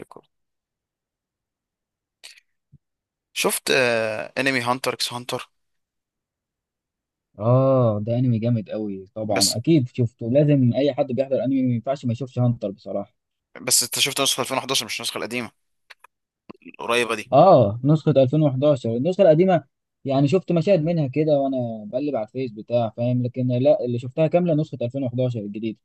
ريكورد. شفت انمي هانتر اكس هانتر؟ اه ده انمي جامد قوي طبعا بس، اكيد شفته. لازم اي حد بيحضر انمي ما ينفعش ما يشوفش هانتر بصراحه. بس انت شفت نسخة 2011، مش النسخة القديمة القريبة دي. اه نسخه 2011 النسخه القديمه. يعني شفت مشاهد منها كده وانا بقلب على الفيس بتاع فاهم، لكن لا اللي شفتها كامله نسخه 2011 الجديده.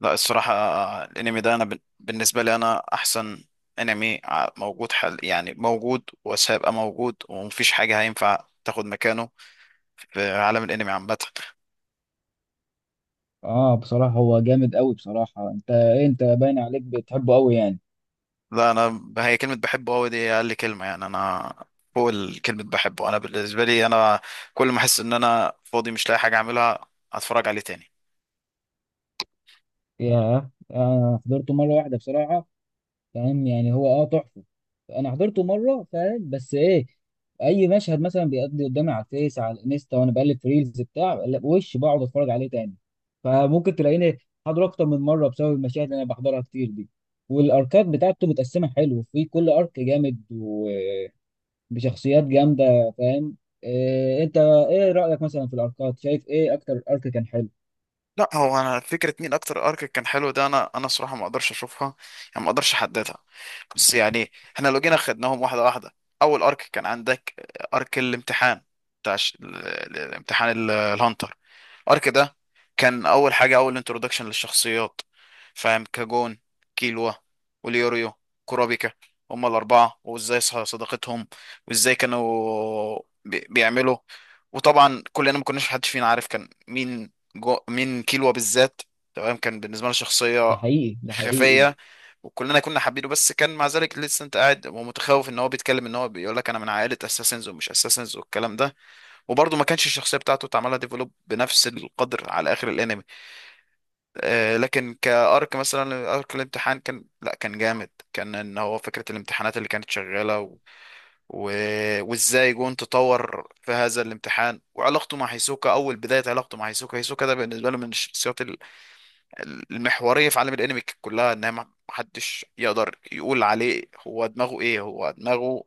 لا الصراحة، الانمي ده انا بالنسبة لي انا احسن انمي، موجود حل، يعني موجود وسيبقى موجود، ومفيش حاجة هينفع تاخد مكانه في عالم الانمي عامة. اه بصراحه هو جامد قوي بصراحه. انت إيه، انت باين عليك بتحبه قوي يعني. لا انا هي كلمة بحبه قوي دي اقل كلمة، يعني انا فوق الكلمة بحبه. انا بالنسبة لي انا كل ما احس ان انا فاضي مش لاقي حاجة اعملها، اتفرج عليه تاني. ياه انا حضرته مره واحده بصراحه. فاهم يعني هو اه تحفه. انا حضرته مره فاهم بس ايه، اي مشهد مثلا بيقضي قدامي على الفيس على الانستا وانا بقلب في ريلز بتاع لا، وش بقعد اتفرج عليه تاني. فممكن تلاقيني حاضره اكتر من مره بسبب المشاهد اللي انا بحضرها كتير دي. والاركات بتاعته متقسمه حلو، في كل ارك جامد وبشخصيات جامده فاهم. إيه انت ايه رايك مثلا في الاركات؟ شايف ايه اكتر ارك كان حلو؟ لا هو انا فكره مين اكتر ارك كان حلو ده، انا صراحه ما اقدرش اشوفها، يعني ما اقدرش احددها. بس يعني احنا لو جينا خدناهم واحده واحده، اول ارك كان عندك ارك الامتحان، بتاع الامتحان الهانتر. الارك ده كان اول حاجه، اول انترودكشن للشخصيات، فاهم؟ كاجون، كيلوا، وليوريو، كورابيكا. هما الاربعه، وازاي صداقتهم، وازاي كانوا بيعملوا. وطبعا كلنا ما كناش حدش فينا عارف كان مين جو من كيلوا بالذات. تمام، كان بالنسبه لنا شخصيه ده حقيقي ده حقيقي. خفيه، وكلنا كنا حابينه. بس كان مع ذلك لسه انت قاعد ومتخوف ان هو بيتكلم، ان هو بيقول لك انا من عائله اساسنز ومش اساسنز والكلام ده. وبرضه ما كانش الشخصيه بتاعته اتعملها ديفلوب بنفس القدر على اخر الانمي. آه، لكن كارك مثلا ارك الامتحان كان، لا كان جامد، كان ان هو فكره الامتحانات اللي كانت شغاله و... وازاي جون تطور في هذا الامتحان، وعلاقته مع هيسوكا. اول بدايه علاقته مع هيسوكا، هيسوكا ده بالنسبه له من الشخصيات المحورية في عالم الانمي كلها. ان ما محدش يقدر يقول عليه هو دماغه ايه، هو دماغه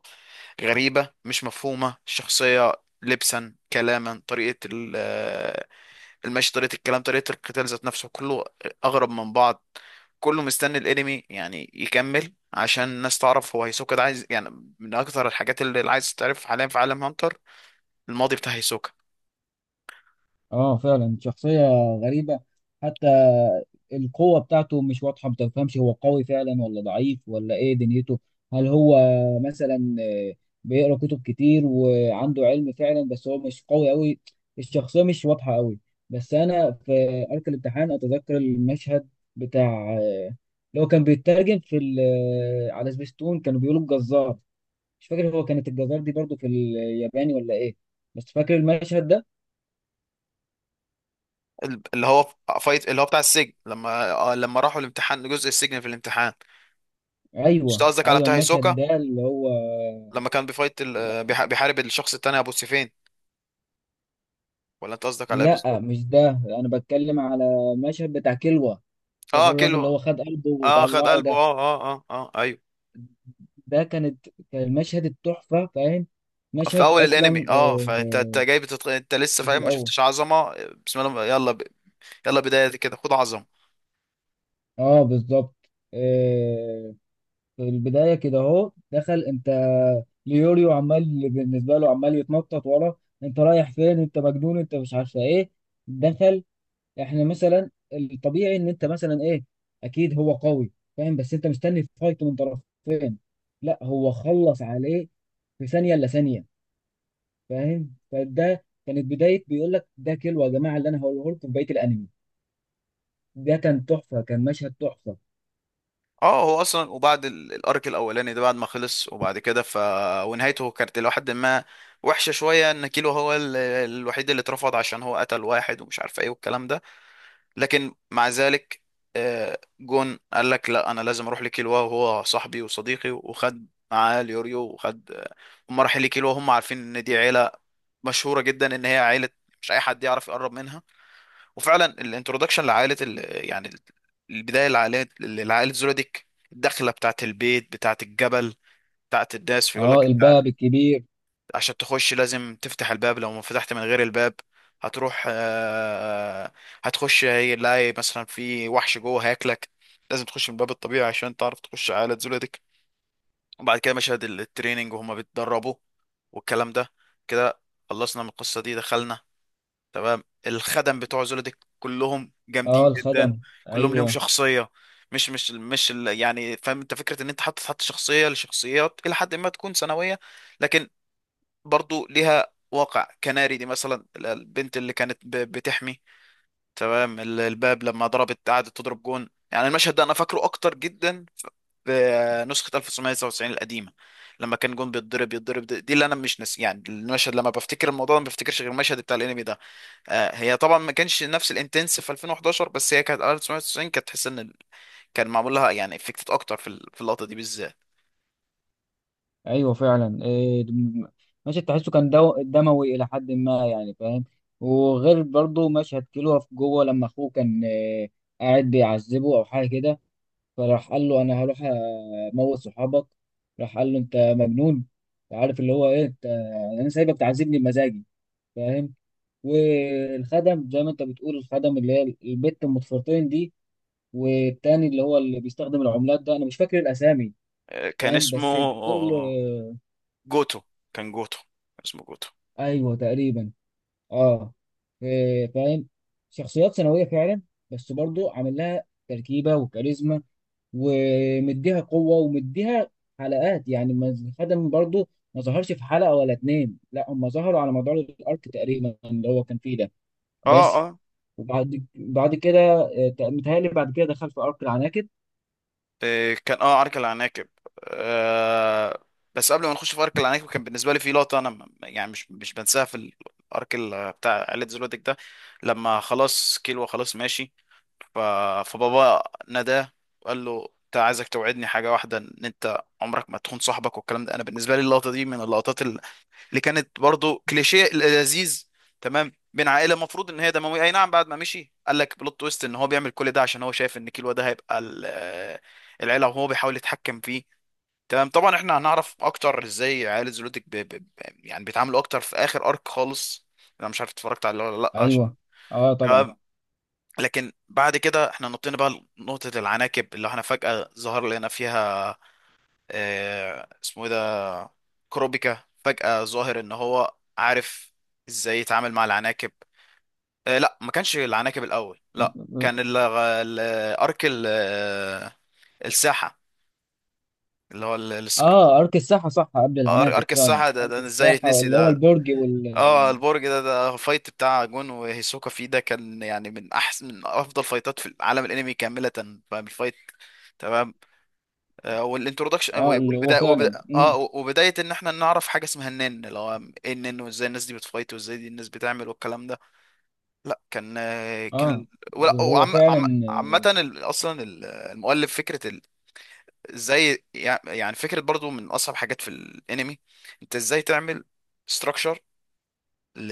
غريبة، مش مفهومة الشخصية. لبسا كلاما، طريقة المشي، طريقة الكلام، طريقة القتال، ذات نفسه كله اغرب من بعض. كله مستني الانمي يعني يكمل عشان الناس تعرف هو هيسوكا ده عايز يعني، من اكتر الحاجات اللي عايز تعرف حاليا في عالم هانتر الماضي بتاع هيسوكا. اه فعلا شخصية غريبة حتى. القوة بتاعته مش واضحة، ما تفهمش هو قوي فعلا ولا ضعيف ولا ايه دنيته. هل هو مثلا بيقرأ كتب كتير وعنده علم فعلا، بس هو مش قوي قوي. الشخصية مش واضحة قوي. بس انا في أرك الامتحان اتذكر المشهد بتاع اللي هو كان بيترجم في على سبيستون كانوا بيقولوا الجزار. مش فاكر هو كانت الجزار دي برضو في الياباني ولا ايه، بس فاكر المشهد ده. اللي هو فايت اللي هو بتاع السجن، لما لما راحوا الامتحان، جزء السجن في الامتحان. مش أنت ايوه قصدك على ايوه بتاع المشهد هيسوكا ده اللي هو، لما كان بيفايت بيحارب الشخص التاني، ابو سيفين؟ ولا انت قصدك على ايه لا بالظبط؟ مش ده، انا بتكلم على المشهد بتاع كلوة. فاكر اه الراجل كيلو، اللي هو خد قلبه اه خد وطلعه قلبه، ده؟ اه اه اه اه ايوه. ده كانت كان المشهد التحفة فاهم. في مشهد اول اصلا الانمي، اه فانت انت جاي انت لسه في فاهم، ما الاول. شفتش عظمه. بسم الله، يلا بدايه كده خد عظمه. اه بالظبط. آه، في البداية كده اهو دخل انت. ليوريو عمال بالنسبة له، عمال يتنطط ورا، انت رايح فين؟ انت مجنون؟ انت مش عارفة ايه. دخل. احنا مثلا الطبيعي ان انت مثلا ايه، اكيد هو قوي فاهم، بس انت مستني فايت من طرفين. لا هو خلص عليه في ثانيه الا ثانيه. فاهم، فده كانت بدايه بيقول لك ده كيلو يا جماعه اللي انا هقوله لكم في بقيه الانمي. ده كان تحفه، كان مشهد تحفه. اه هو اصلا، وبعد الارك الاولاني ده، بعد ما خلص وبعد كده ف، ونهايته كانت الى حد ما وحشه شويه، ان كيلو هو الوحيد اللي اترفض عشان هو قتل واحد ومش عارف ايه والكلام ده. لكن مع ذلك، جون قال لك لا انا لازم اروح لكيلوا، وهو صاحبي وصديقي، وخد معاه اليوريو وخد، هم رايحين لكيلوا وهم عارفين ان دي عيله مشهوره جدا، ان هي عيله مش اي حد يعرف يقرب منها. وفعلا الانترودكشن لعائله يعني البدايه لعائله، لعائله زولوديك، الدخله بتاعت البيت، بتاعت الجبل، بتاعت الناس. فيقول اه لك الباب الكبير. عشان تخش لازم تفتح الباب، لو ما فتحت من غير الباب هتروح، هتخش هيلاقي مثلا في وحش جوه هياكلك، لازم تخش من الباب الطبيعي عشان تعرف تخش على زولتك. وبعد كده مشاهد التريننج وهما بيتدربوا والكلام ده كده، خلصنا من القصة دي دخلنا. تمام، الخدم بتوع زولتك كلهم اه جامدين جدا، الخدم كلهم ليهم ايوه. شخصية. مش مش مش ال- يعني فاهم انت فكرة ان انت حاطط، حط شخصية لشخصيات الى حد ما تكون ثانوية، لكن برضو ليها واقع. كناري دي مثلا، البنت اللي كانت بتحمي تمام الباب، لما ضربت قعدت تضرب جون، يعني المشهد ده انا فاكره اكتر جدا في نسخة 1999 القديمة. لما كان جون بيتضرب يتضرب، دي اللي انا مش ناسي يعني المشهد. لما بفتكر الموضوع ده ما بفتكرش غير المشهد بتاع الانمي ده. آه، هي طبعا ما كانش نفس الانتنس في 2011، بس هي كانت 1999 كانت تحس ان كان معمول لها يعني افكتد اكتر في في اللقطة دي بالذات. ايوه فعلا. مشهد تحسه كان دو دموي الى حد ما يعني فاهم. وغير برضه مشهد كيلو في جوه لما اخوه كان إيه، قاعد بيعذبه او حاجه كده، فراح قال له انا هروح اموت صحابك، راح قال له انت مجنون؟ عارف اللي هو ايه انت؟ انا سايبك تعذبني بمزاجي فاهم. والخدم زي ما انت بتقول، الخدم اللي هي البت ام ضفيرتين دي، والتاني اللي هو اللي بيستخدم العملات ده، انا مش فاكر الاسامي كان فاهم. اسمه بس كل، جوتو، كان جوتو، اسمه جوتو. ايوه تقريبا. اه إيه، فاهم. شخصيات ثانويه فعلا، بس برضو عامل لها تركيبه وكاريزما ومديها قوه، ومديها حلقات يعني. ما خدم برضو ما ظهرش في حلقه ولا اتنين، لا هم ظهروا على مدار الارك تقريبا اللي هو كان فيه ده. اه بس اه وبعد كده متهيألي بعد كده دخل في ارك العناكب. إيه، كان اه عرك العناكب. آه، بس قبل ما نخش في عرك العناكب كان بالنسبه لي في لقطه انا يعني مش بنساها في الارك بتاع عائله زلوتك ده، لما خلاص كيلو خلاص ماشي. ف... فبابا ناداه وقال له انت، عايزك توعدني حاجه واحده، ان انت عمرك ما تخون صاحبك والكلام ده. انا بالنسبه لي اللقطه دي من اللقطات اللي كانت برضو كليشيه لذيذ تمام بين عائله المفروض ان هي دمويه، اي نعم بعد ما مشي قال لك بلوت تويست ان هو بيعمل كل ده عشان هو شايف ان كيلو ده هيبقى العيله، وهو بيحاول يتحكم فيه. تمام، طبعا احنا هنعرف اكتر ازاي عائله زولوتك يعني بيتعاملوا اكتر في اخر ارك خالص، انا مش عارف اتفرجت عليه ولا لا عشان. ايوه. اه طبعا. تمام، لكن بعد كده احنا نطينا بقى نقطة العناكب، اللي احنا فجأة ظهر لنا فيها، اه اسمه ايه ده، كروبيكا، فجأة ظاهر ان هو عارف ازاي يتعامل مع العناكب. آه لا ما كانش العناكب الاول، لا كان ارك الساحة، اللي هو اه ارك الساحه صح قبل العناكب، ارك فعلا الساحة ده، ارك ده ازاي الساحه يتنسي اللي هو ده! البرج وال. اه البرج ده، ده فايت بتاع جون وهيسوكا فيه. ده كان يعني من احسن، من افضل فايتات في العالم الانمي كاملة، فاهم الفايت؟ تمام. والانترودكشن اه اللي هو والبدايه، فعلا امم. وبدايه ان احنا نعرف حاجه اسمها النن، اللي هو ايه النن، وازاي الناس دي بتفايت، وازاي دي الناس بتعمل والكلام ده. لا كان، اه ولا هو وعم فعلا. عامه اصلا المؤلف فكره ازاي يعني فكره برضو من اصعب حاجات في الانمي. انت ازاي تعمل ستراكشر ل...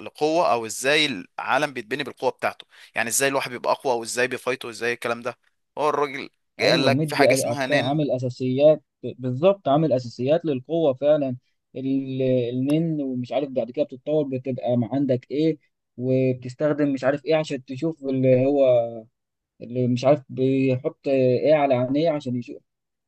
لقوه، او ازاي العالم بيتبني بالقوه بتاعته. يعني ازاي الواحد بيبقى اقوى، وازاي بيفايته، وازاي الكلام ده. هو الراجل قال ايوه لك في مدي حاجه اسمها نن، عامل اساسيات، بالظبط عامل اساسيات للقوه فعلا. ال- النن، ومش عارف بعد كده بتتطور، بتبقى ما عندك ايه، وبتستخدم مش عارف ايه عشان تشوف اللي هو، اللي مش عارف بيحط ايه على عينيه عشان يشوف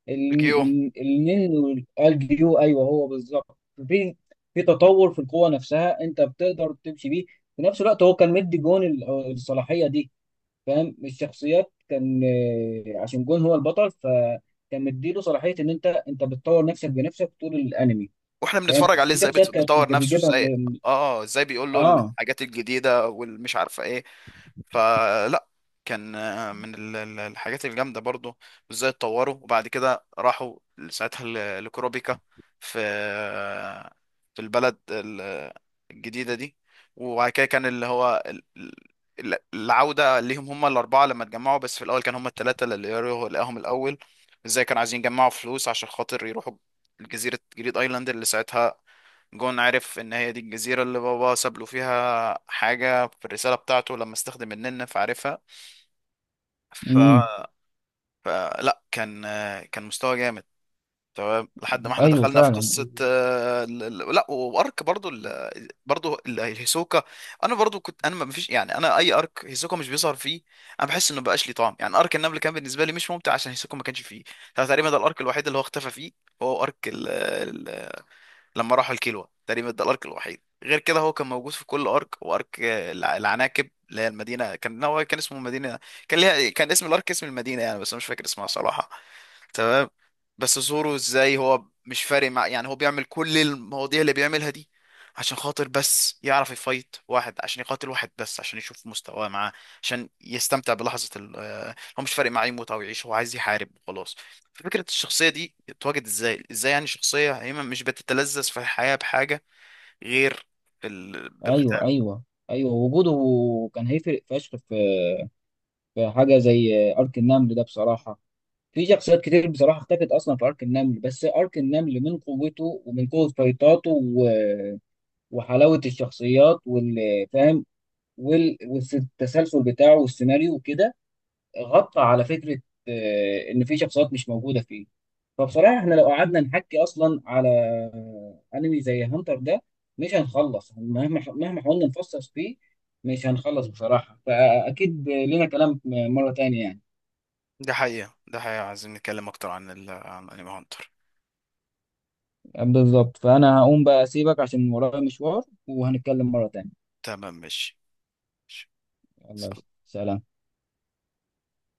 الجيو. النن. والجيو ايوه هو بالظبط. في في تطور في القوه نفسها، انت بتقدر تمشي بيه. في نفس الوقت هو كان مدي جون ال- الصلاحيه دي فاهم. الشخصيات كان عشان جون هو البطل، فكان مديله صلاحيه ان انت انت بتطور نفسك بنفسك طول الانمي واحنا فاهم. بنتفرج عليه في ازاي شخصيات كانت بيطور نفسه بيجيبها ازاي، من، اه ازاي بيقول له اه الحاجات الجديده والمش عارفه ايه. فلا كان، من الحاجات الجامدة برضو. وازاي اتطوروا، وبعد كده راحوا ساعتها لكروبيكا في، في البلد الجديدة دي. وبعد كده كان اللي هو العودة ليهم هم الأربعة لما اتجمعوا. بس في الأول كان هم التلاتة اللي يروحوا لقاهم الأول، ازاي كانوا عايزين يجمعوا فلوس عشان خاطر يروحوا جزيرة جريد ايلاند، اللي ساعتها جون عرف ان هي دي الجزيرة اللي بابا ساب له فيها حاجة في الرسالة بتاعته لما استخدم النن فعرفها. ف... امم. فلا كان كان مستوى جامد تمام، لحد ما احنا ايوه دخلنا في فعلا. قصة، لا وارك برضو برضو هيسوكا. انا برضو كنت انا ما فيش يعني، انا اي ارك هيسوكا مش بيظهر فيه انا بحس انه مبقاش ليه طعم. يعني ارك النمل كان بالنسبة لي مش ممتع عشان هيسوكا ما كانش فيه. ده تقريبا ده الارك الوحيد اللي هو اختفى فيه، هو ارك لما راحوا الكيلوا. تقريبا ده الارك الوحيد، غير كده هو كان موجود في كل ارك وارك. العناكب اللي هي المدينه كان هو كان اسمه مدينه، كان ليها كان اسم الارك اسم المدينه يعني، بس أنا مش فاكر اسمها صراحه. تمام، بس زورو ازاي هو مش فارق مع، يعني هو بيعمل كل المواضيع اللي بيعملها دي عشان خاطر بس يعرف يفايت واحد، عشان يقاتل واحد بس عشان يشوف مستواه معاه، عشان يستمتع بلحظة ال آه، هو مش فارق معاه يموت او يعيش، هو عايز يحارب وخلاص. فكرة الشخصية دي اتواجد ازاي، ازاي يعني شخصية هي مش بتتلذذ في الحياة بحاجة غير ايوه بالقتال. ايوه. ايوه وجوده كان هيفرق فشخ في في حاجه زي ارك النمل ده بصراحه. في شخصيات كتير بصراحه اختفت اصلا في ارك النمل، بس ارك النمل من قوته ومن قوه فايطاته و... وحلاوه الشخصيات والفهم والتسلسل بتاعه والسيناريو وكده، غطى على فكره ان في شخصيات مش موجوده فيه. فبصراحه احنا لو قعدنا نحكي اصلا على انمي زي هانتر ده مش هنخلص، مهما مهما حاولنا نفصص فيه مش هنخلص بصراحه. فاكيد لنا كلام مره تانية يعني. ده حقيقة، ده حقيقة، عايزين نتكلم اكتر عن عن انمي هانتر. بالظبط، فانا هقوم بقى اسيبك عشان ورايا مشوار، وهنتكلم مره تانية. تمام ماشي، ماشي. يلا سلام. سلام.